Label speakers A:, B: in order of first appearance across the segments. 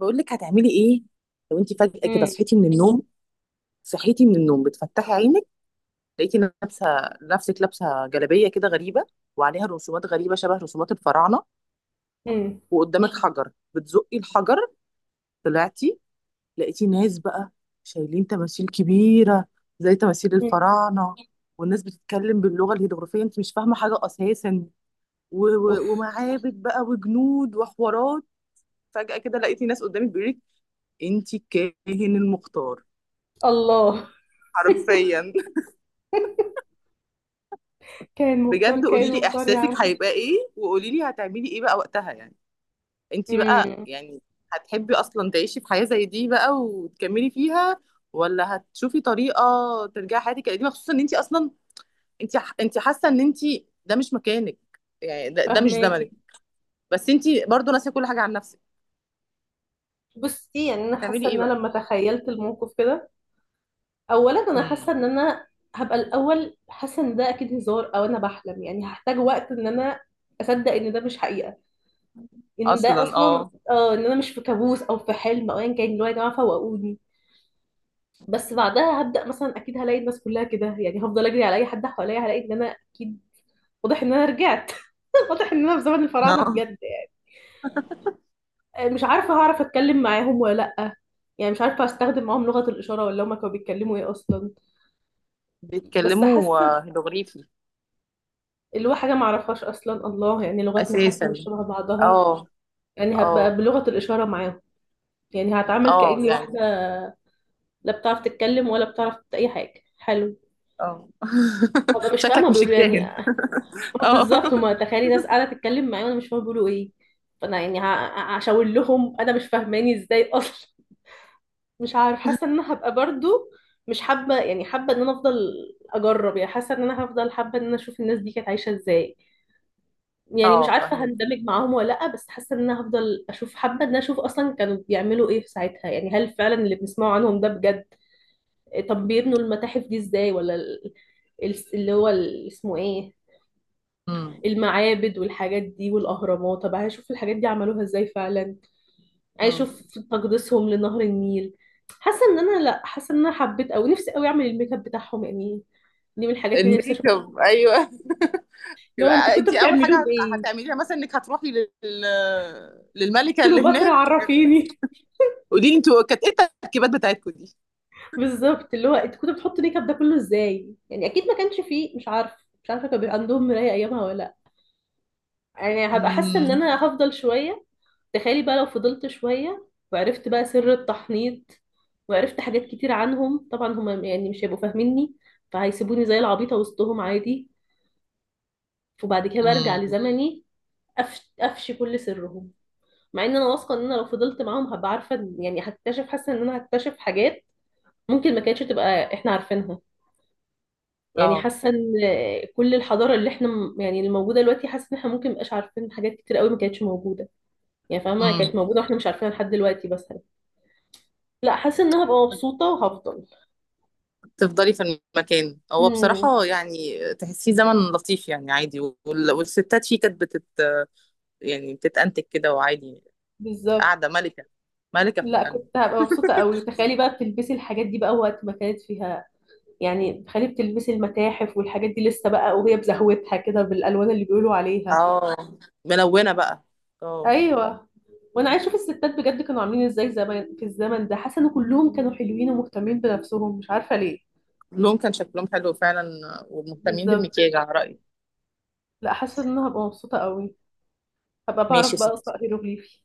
A: بقول لك هتعملي ايه؟ لو انت فجأة كده
B: مم.
A: صحيتي من النوم، صحيتي من النوم بتفتحي عينك، لقيتي لابسه، نفسك لابسه جلابيه كده غريبه وعليها رسومات غريبه شبه رسومات الفراعنه،
B: مم.
A: وقدامك حجر بتزقي الحجر، طلعتي لقيتي ناس بقى شايلين تماثيل كبيره زي تماثيل
B: مم.
A: الفراعنه، والناس بتتكلم باللغه الهيروغليفيه، انت مش فاهمه حاجه اساسا، و- و-
B: اوف.
A: ومعابد بقى وجنود وحوارات. فجأة كده لقيتي ناس قدامك بيقولك انت الكاهن المختار،
B: الله.
A: حرفيا.
B: كائن مختار
A: بجد
B: كائن
A: قولي لي
B: مختار يا
A: احساسك
B: عم.
A: هيبقى ايه، وقولي لي هتعملي ايه بقى وقتها يعني؟ انت بقى
B: امم
A: يعني هتحبي اصلا تعيشي في حياة زي دي بقى وتكملي فيها، ولا هتشوفي طريقة ترجعي حياتك القديمة؟ خصوصا ان انت اصلا، انت حاسة ان انت ده مش مكانك، يعني ده مش
B: فهماكي.
A: زمنك. بس انت برضو ناسية كل حاجة عن نفسك.
B: بصي، يعني انا
A: هتعملي
B: حاسه
A: ايه
B: ان انا
A: بقى؟
B: لما تخيلت الموقف كده، اولا انا
A: امم.
B: حاسه ان انا هبقى الاول حاسه ان ده اكيد هزار او انا بحلم. يعني هحتاج وقت ان انا اصدق ان ده مش حقيقه، ان ده
A: اصلا
B: اصلا
A: اه.
B: ان انا مش في كابوس او في حلم او ايا كان. اللي هو يا جماعه فوقوني. بس بعدها هبدا مثلا اكيد هلاقي الناس كلها كده، يعني هفضل اجري على اي حد حواليا هلاقي ان انا اكيد واضح ان انا رجعت، واضح ان انا في زمن الفراعنه
A: اه.
B: بجد. يعني مش عارفه هعرف اتكلم معاهم ولا لا. يعني مش عارفه استخدم معاهم لغه الاشاره، ولا هما كانوا بيتكلموا ايه اصلا. بس
A: بيتكلموا
B: حاسه
A: آه، هيروغليفي.
B: اللي هو حاجه ما اعرفهاش اصلا، الله، يعني لغتنا حتى
A: اساسا.
B: مش شبه بعضها.
A: اه.
B: يعني هبقى
A: اه.
B: بلغه الاشاره معاهم، يعني هتعامل
A: اه
B: كاني واحده
A: يعني.
B: لا بتعرف تتكلم ولا بتعرف اي حاجه. حلو.
A: اه
B: هبقى مش فاهمه
A: شكلك مش
B: بيقولوا يعني
A: الكاهن.
B: آه
A: اه.
B: بالظبط. هما تخيلي ناس قاعده تتكلم معايا وانا مش فاهمه بيقولوا ايه. فانا يعني هشاور لهم انا مش فاهماني ازاي اصلا. مش عارف، حاسه ان انا هبقى برضو مش حابه، يعني حابه ان انا افضل اجرب. يعني حاسه ان انا هفضل حابه ان انا اشوف الناس دي كانت عايشه ازاي. يعني مش
A: اه
B: عارفه
A: فاهمك.
B: هندمج معاهم ولا لا، بس حاسه ان انا هفضل اشوف. حابه ان انا اشوف اصلا كانوا بيعملوا ايه في ساعتها. يعني هل فعلا اللي بنسمعه عنهم ده بجد؟ طب بيبنوا المتاحف دي ازاي؟ ولا اللي هو اسمه ايه،
A: امم.
B: المعابد والحاجات دي والاهرامات. طب هشوف الحاجات دي عملوها ازاي فعلا. عايشوا
A: امم.
B: في تقديسهم لنهر النيل. حاسه ان انا، لا، حاسه ان انا حبيت او نفسي قوي اعمل الميك اب بتاعهم. يعني دي من الحاجات اللي نفسي
A: الميك
B: اشوفها.
A: اب، ايوه
B: اللي هو انتوا
A: يبقى انت
B: كنتوا
A: اول
B: بتعملوه
A: حاجه
B: بايه؟
A: هتعمليها مثلا انك هتروحي للملكه اللي
B: كليوباترا
A: هناك،
B: عرفيني.
A: قولي لي انتوا كانت ايه التركيبات بتاعتكم دي؟
B: بالظبط، اللي هو انتوا كنتوا بتحطوا الميك اب ده كله ازاي؟ يعني اكيد ما كانش فيه، مش عارف، مش عارفه كان بيبقى عندهم مرايه ايامها ولا لا. يعني هبقى حاسه ان انا
A: امم.
B: هفضل شويه. تخيلي بقى لو فضلت شويه وعرفت بقى سر التحنيط وعرفت حاجات كتير عنهم. طبعا هم يعني مش هيبقوا فاهميني فهيسيبوني زي العبيطه وسطهم عادي، وبعد كده برجع
A: امم.
B: لزمني أفشي كل سرهم. مع ان انا واثقه ان انا لو فضلت معاهم هبقى عارفه يعني هكتشف، حاسه ان انا هكتشف حاجات ممكن ما كانتش تبقى احنا عارفينها. يعني
A: اه.
B: حاسه ان كل الحضاره اللي احنا يعني اللي موجوده دلوقتي. حاسه ان احنا ممكن مبقاش عارفين حاجات كتير قوي ما كانتش موجوده. يعني فاهمه كانت
A: امم.
B: موجوده واحنا مش عارفينها لحد دلوقتي مثلا. لا، حاسه ان انا هبقى مبسوطه وهفضل.
A: تفضلي في المكان. هو
B: امم
A: بصراحه يعني تحسيه زمن لطيف، يعني عادي، وال... والستات فيه كانت يعني بتتأنتج كده وعادي،
B: بالظبط.
A: قاعده ملكه، ملكه في
B: لا،
A: مكانها.
B: كنت هبقى مبسوطه قوي. وتخيلي بقى بتلبسي الحاجات دي بقى وقت ما كانت فيها. يعني خليه بتلبسي المتاحف والحاجات دي لسه بقى، وهي بزهوتها كده بالالوان اللي بيقولوا عليها.
A: اه. ملونة بقى. اه.
B: ايوه. وانا عايز اشوف الستات بجد كانوا عاملين ازاي زمان في الزمن ده. حاسه ان كلهم كانوا حلوين ومهتمين بنفسهم، مش عارفه ليه.
A: اللون كان شكلهم حلو فعلا ومهتمين
B: بالظبط.
A: بالمكياج على رأيي.
B: لا، حاسه ان انا هبقى مبسوطه قوي، هبقى بعرف
A: ماشي يا
B: بقى
A: ستي،
B: اقرا هيروغليفي.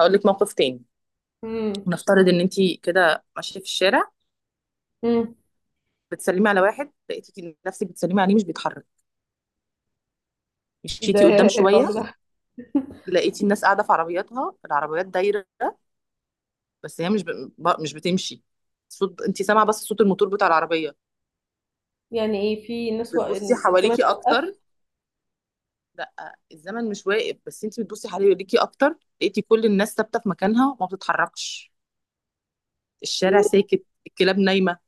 A: هقول لك موقف تاني.
B: امم.
A: نفترض ان انت كده ماشية في الشارع،
B: امم.
A: بتسلمي على واحد، لقيتي نفسك بتسلمي عليه مش بيتحرك،
B: ده
A: مشيتي قدام شوية
B: الرعب ده.
A: لقيتي الناس قاعدة في عربياتها، العربيات دايرة بس هي مش ب... ب- مش بتمشي، صوت انت سامعة بس صوت الموتور بتاع العربية،
B: يعني ايه؟ في ناس
A: بتبصي
B: الزمن
A: حواليكي
B: توقف؟
A: اكتر. لا الزمن مش واقف، بس انت بتبصي حواليكي اكتر لقيتي كل الناس ثابتة في مكانها وما بتتحركش، الشارع ساكت، الكلاب نايمة،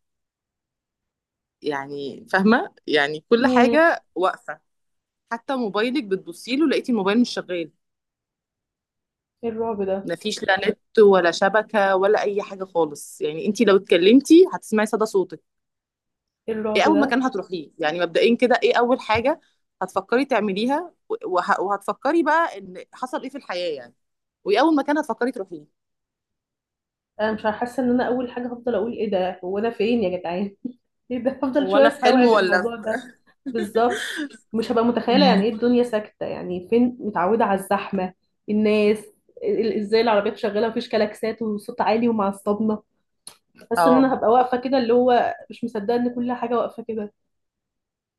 A: يعني فاهمة يعني كل
B: امم.
A: حاجة واقفة، حتى موبايلك بتبصي له لقيتي الموبايل مش شغال،
B: الرعب ده.
A: مفيش لا نت ولا شبكة ولا أي حاجة خالص، يعني انتي لو اتكلمتي هتسمعي صدى صوتك.
B: إيه
A: ايه
B: الرعب
A: أول
B: ده!
A: مكان هتروحيه يعني مبدئيا كده؟ ايه أول حاجة هتفكري تعمليها وه- وهتفكري بقى ان حصل ايه في الحياة يعني؟ وايه أول مكان هتفكري تروحيه؟
B: انا مش حاسه ان انا اول حاجه هفضل اقول ايه ده، هو انا فين يا جدعان؟ ايه ده؟ هفضل
A: هو
B: شويه
A: أنا في
B: استوعب
A: حلم ولا
B: الموضوع
A: في-
B: ده. بالظبط. مش هبقى متخيله. يعني
A: مم.
B: ايه الدنيا ساكته؟ يعني فين؟ متعوده على الزحمه، الناس، ازاي العربيات شغاله، مفيش كلاكسات وصوت عالي ومعصبنا. بس ان انا
A: اه.
B: هبقى واقفه كده اللي هو مش مصدقه ان كل حاجه واقفه كده.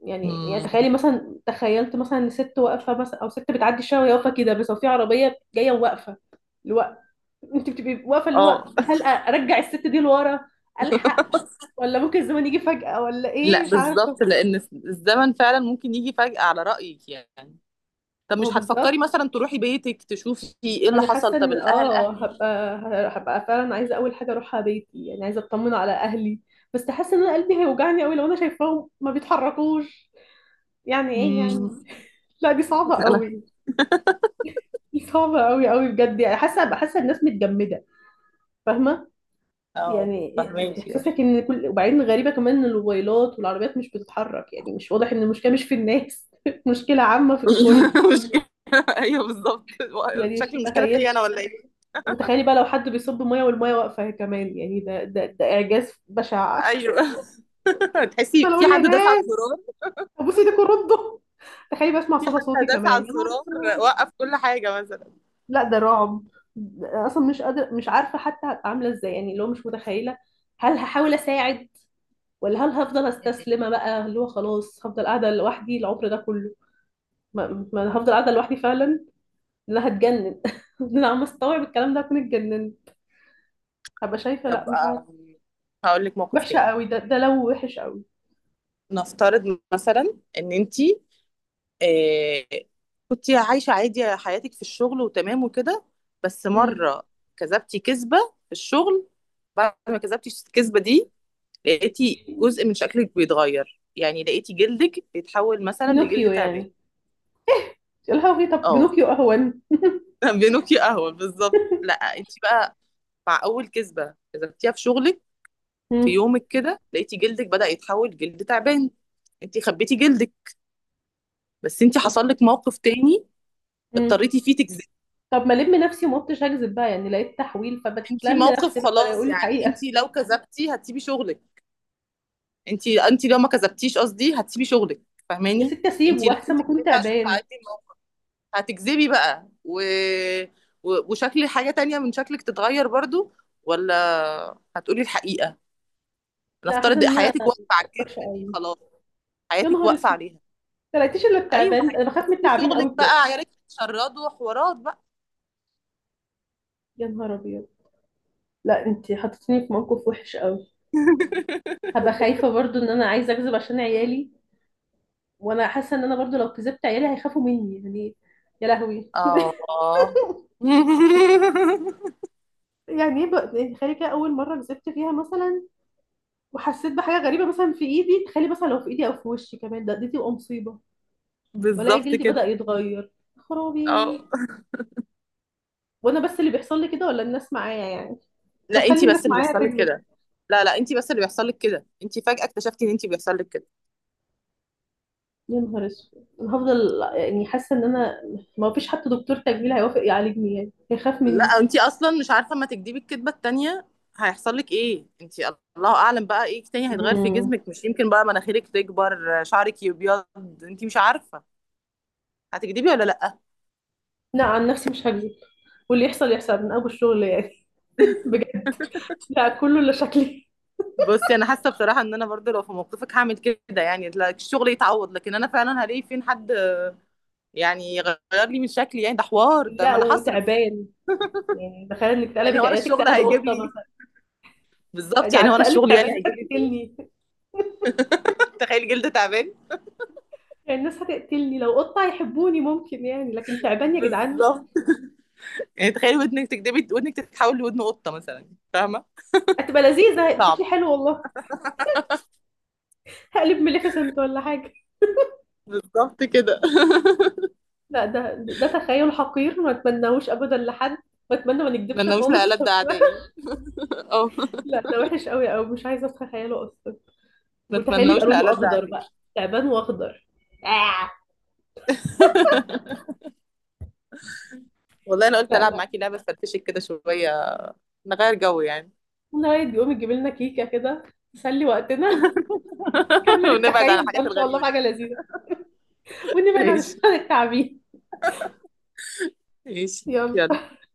B: يعني
A: مم.
B: تخيلي مثلا، تخيلت مثلا ان ست واقفه مثلا، او ست بتعدي الشارع وهي واقفه كده، بس هو في عربيه جايه وواقفه. اللي هو انت بتبقي واقفه اللي هو
A: اه.
B: هل ارجع الست دي لورا؟ الحق؟ ولا ممكن الزمن يجي فجاه؟ ولا ايه؟
A: لا
B: مش عارفه.
A: بالظبط، لان الزمن فعلا ممكن يجي فجأة على رأيك يعني. طب
B: ما هو
A: مش
B: بالظبط.
A: هتفكري مثلا تروحي بيتك تشوفي ايه اللي
B: انا
A: حصل؟
B: حاسه
A: طب
B: ان،
A: الاهل، اهلي.
B: هبقى فعلا عايزه اول حاجه اروحها بيتي. يعني عايزه اطمن على اهلي، بس حاسه ان انا قلبي هيوجعني قوي لو انا شايفاهم ما بيتحركوش. يعني ايه
A: امم.
B: يعني؟ لا، دي صعبه
A: لا.
B: قوي. دي صعبه قوي قوي بجد. يعني حاسه، حاسه الناس متجمده. فاهمه؟
A: اه
B: يعني
A: فهماكي، اه.
B: احساسك ان كل، وبعدين غريبه كمان ان الموبايلات والعربيات مش بتتحرك. يعني مش واضح ان المشكله مش في الناس مشكله عامه في الكل.
A: مشكلة، ايوه بالظبط.
B: يعني مش
A: شكل المشكلة فيا
B: متخيله.
A: انا، ولا ايه؟
B: وتخيلي بقى لو حد بيصب ميه والميه واقفه كمان. يعني ده اعجاز بشع.
A: ايوه تحسي
B: انا
A: في
B: اقول يا
A: حد داس على
B: ناس،
A: الزرار،
B: ابوسي ايدك وردوا. تخيلي بسمع
A: في
B: صدى
A: حد
B: صوتي
A: داس على
B: كمان، يا نهار
A: الزرار
B: اسود!
A: وقف كل حاجة مثلا.
B: لا، ده رعب. ده اصلا مش قادره، مش عارفه حتى هبقى عامله ازاي. يعني اللي هو مش متخيله. هل هحاول اساعد؟ ولا هل هفضل استسلمه بقى اللي هو خلاص هفضل قاعده لوحدي العمر ده كله. ما أنا هفضل قاعده لوحدي فعلا. انا هتجنن. انا عم استوعب الكلام ده هكون اتجننت. هبقى شايفه، لا،
A: طب
B: مش عارفه.
A: هقول لك موقف
B: وحشه
A: تاني.
B: قوي. ده لو وحش قوي.
A: نفترض مثلا ان انتي آه، كنت عايشة عادي حياتك في الشغل وتمام وكده، بس
B: امم.
A: مرة كذبتي كذبة في الشغل، بعد ما كذبتي الكذبة دي لقيتي جزء من شكلك بيتغير، يعني لقيتي جلدك بيتحول مثلا لجلد
B: بنوكيو
A: تعبان.
B: يعني؟ يا لهوي، طب
A: اه
B: بنوكيو اهون.
A: بينوكي قهوة بالظبط. لا انت بقى مع أول كذبة كذبتيها في شغلك في
B: امم.
A: يومك كده لقيتي جلدك بدأ يتحول جلد تعبان، انت خبيتي جلدك. بس انت
B: أوف.
A: حصل لك موقف تاني
B: أمم.
A: اضطريتي فيه،
B: طب ما الم نفسي، وما قلتش هكذب بقى يعني. لقيت تحويل،
A: انت
B: فبتلم
A: موقف
B: نفسي بقى ولا
A: خلاص.
B: اقول
A: يعني انت
B: الحقيقه.
A: لو كذبتي هتسيبي شغلك، انت لو ما كذبتيش قصدي هتسيبي شغلك،
B: يا
A: فاهماني؟
B: ستي
A: انت
B: اسيبه
A: لازم
B: احسن ما اكون
A: تكذبي عشان
B: تعبان.
A: تعدي الموقف، هتكذبي بقى و... و... وشكل حاجة تانية من شكلك تتغير برضو؟ ولا هتقولي الحقيقة؟
B: لا حاسه
A: نفترض
B: ان انا
A: حياتك واقفة على الكذب
B: وحشه
A: دي
B: قوي.
A: خلاص،
B: يا
A: حياتك
B: نهار
A: واقفة
B: اسود،
A: عليها.
B: ما لقيتيش الا
A: ايوه
B: التعبان. انا بخاف من
A: هتسيبي
B: التعابين قوي
A: شغلك
B: بجد.
A: بقى، عيالك هيتشردوا، حوارات بقى.
B: يا نهار ابيض. لا، انت حطيتيني في موقف وحش قوي. هبقى خايفه برضو ان انا عايزه اكذب عشان عيالي، وانا حاسه ان انا برضو لو كذبت عيالي هيخافوا مني يعني. يا لهوي.
A: اه
B: يعني ايه يعني تخيلي كده اول مره كذبت فيها مثلا وحسيت بحاجه غريبه مثلا في ايدي. تخيلي مثلا لو في ايدي او في وشي كمان ده، دي تبقى مصيبه. والاقي
A: بالظبط
B: جلدي بدأ
A: كده.
B: يتغير، يا خرابي.
A: اه.
B: وانا بس اللي بيحصل لي كده ولا الناس معايا يعني؟ طب
A: لا
B: خلي
A: انتي
B: الناس
A: بس اللي
B: معايا
A: بيحصل لك
B: تكذب.
A: كده. لا لا انتي بس اللي بيحصل لك كده، انتي فجأة اكتشفتي ان انتي بيحصل لك كده.
B: يا نهار اسود. انا هفضل يعني حاسه ان انا ما فيش حتى دكتور تجميل هيوافق يعالجني يعني، هيخاف
A: لا
B: مني.
A: انتي اصلا مش عارفة اما تكدبي الكدبة التانية هيحصل لك ايه، انتي الله اعلم بقى ايه تاني هيتغير في
B: مم.
A: جسمك، مش يمكن بقى مناخيرك تكبر، شعرك يبيض، انتي مش عارفة. هتكدبي ولا لا؟
B: لا، عن نفسي مش هكذب، واللي يحصل يحصل من ابو الشغل يعني. بجد. لا كله الا شكلي.
A: بصي انا حاسة بصراحة ان انا برضو لو في موقفك هعمل كده، يعني لا الشغل يتعوض لكن انا فعلا هلاقي فين حد يعني يغير لي من شكلي، يعني ده حوار، ده
B: لا
A: ما انا هصرف،
B: وتعبان. يعني تخيل انك
A: يعني هو
B: تقلبي
A: انا
B: يا
A: الشغل
B: تقلبي
A: هيجيب
B: قطه
A: لي؟
B: مثلا.
A: بالظبط،
B: ده
A: يعني
B: على
A: هو انا
B: التقلب
A: الشغل
B: تعبان
A: يعني
B: الناس
A: هيجيب لي فلوس؟
B: هتقتلني.
A: تخيل جلد تعبان،
B: يعني الناس هتقتلني لو قطه هيحبوني ممكن يعني، لكن تعبان يا جدعان.
A: بالظبط. يعني تخيل ودنك تكدبي ودنك تتحول لودن قطة مثلا، فاهمة؟
B: هتبقى لذيذة،
A: صعب،
B: شكلي حلو والله. هقلب مليفيسنت ولا حاجة.
A: بالظبط كده.
B: لا، ده تخيل حقير ما اتمناهوش ابدا لحد. بتمنى ما
A: ما
B: نكدبش
A: اتمنوش
B: خالص.
A: لألد أعدائي. اه.
B: لا ده وحش قوي قوي، مش عايزة اتخيله اصلا.
A: ما
B: وتخيلي يبقى
A: اتمنوش
B: لونه
A: لألد
B: اخضر
A: أعدائي.
B: بقى، تعبان واخضر. آه.
A: والله أنا قلت
B: لا
A: ألعب
B: لا.
A: معاكي لعبة فرفشك كده شوية، نغير جو يعني.
B: نهاية يقوم يجيب لنا كيكة كده، تسلي وقتنا. نكمل
A: ونبعد عن
B: التخيل ده
A: الحاجات
B: ان شاء الله
A: الغريبة دي.
B: بحاجة لذيذة، ونبعد عن
A: ماشي،
B: الشغل التعبين.
A: ماشي. يلا.
B: يلا.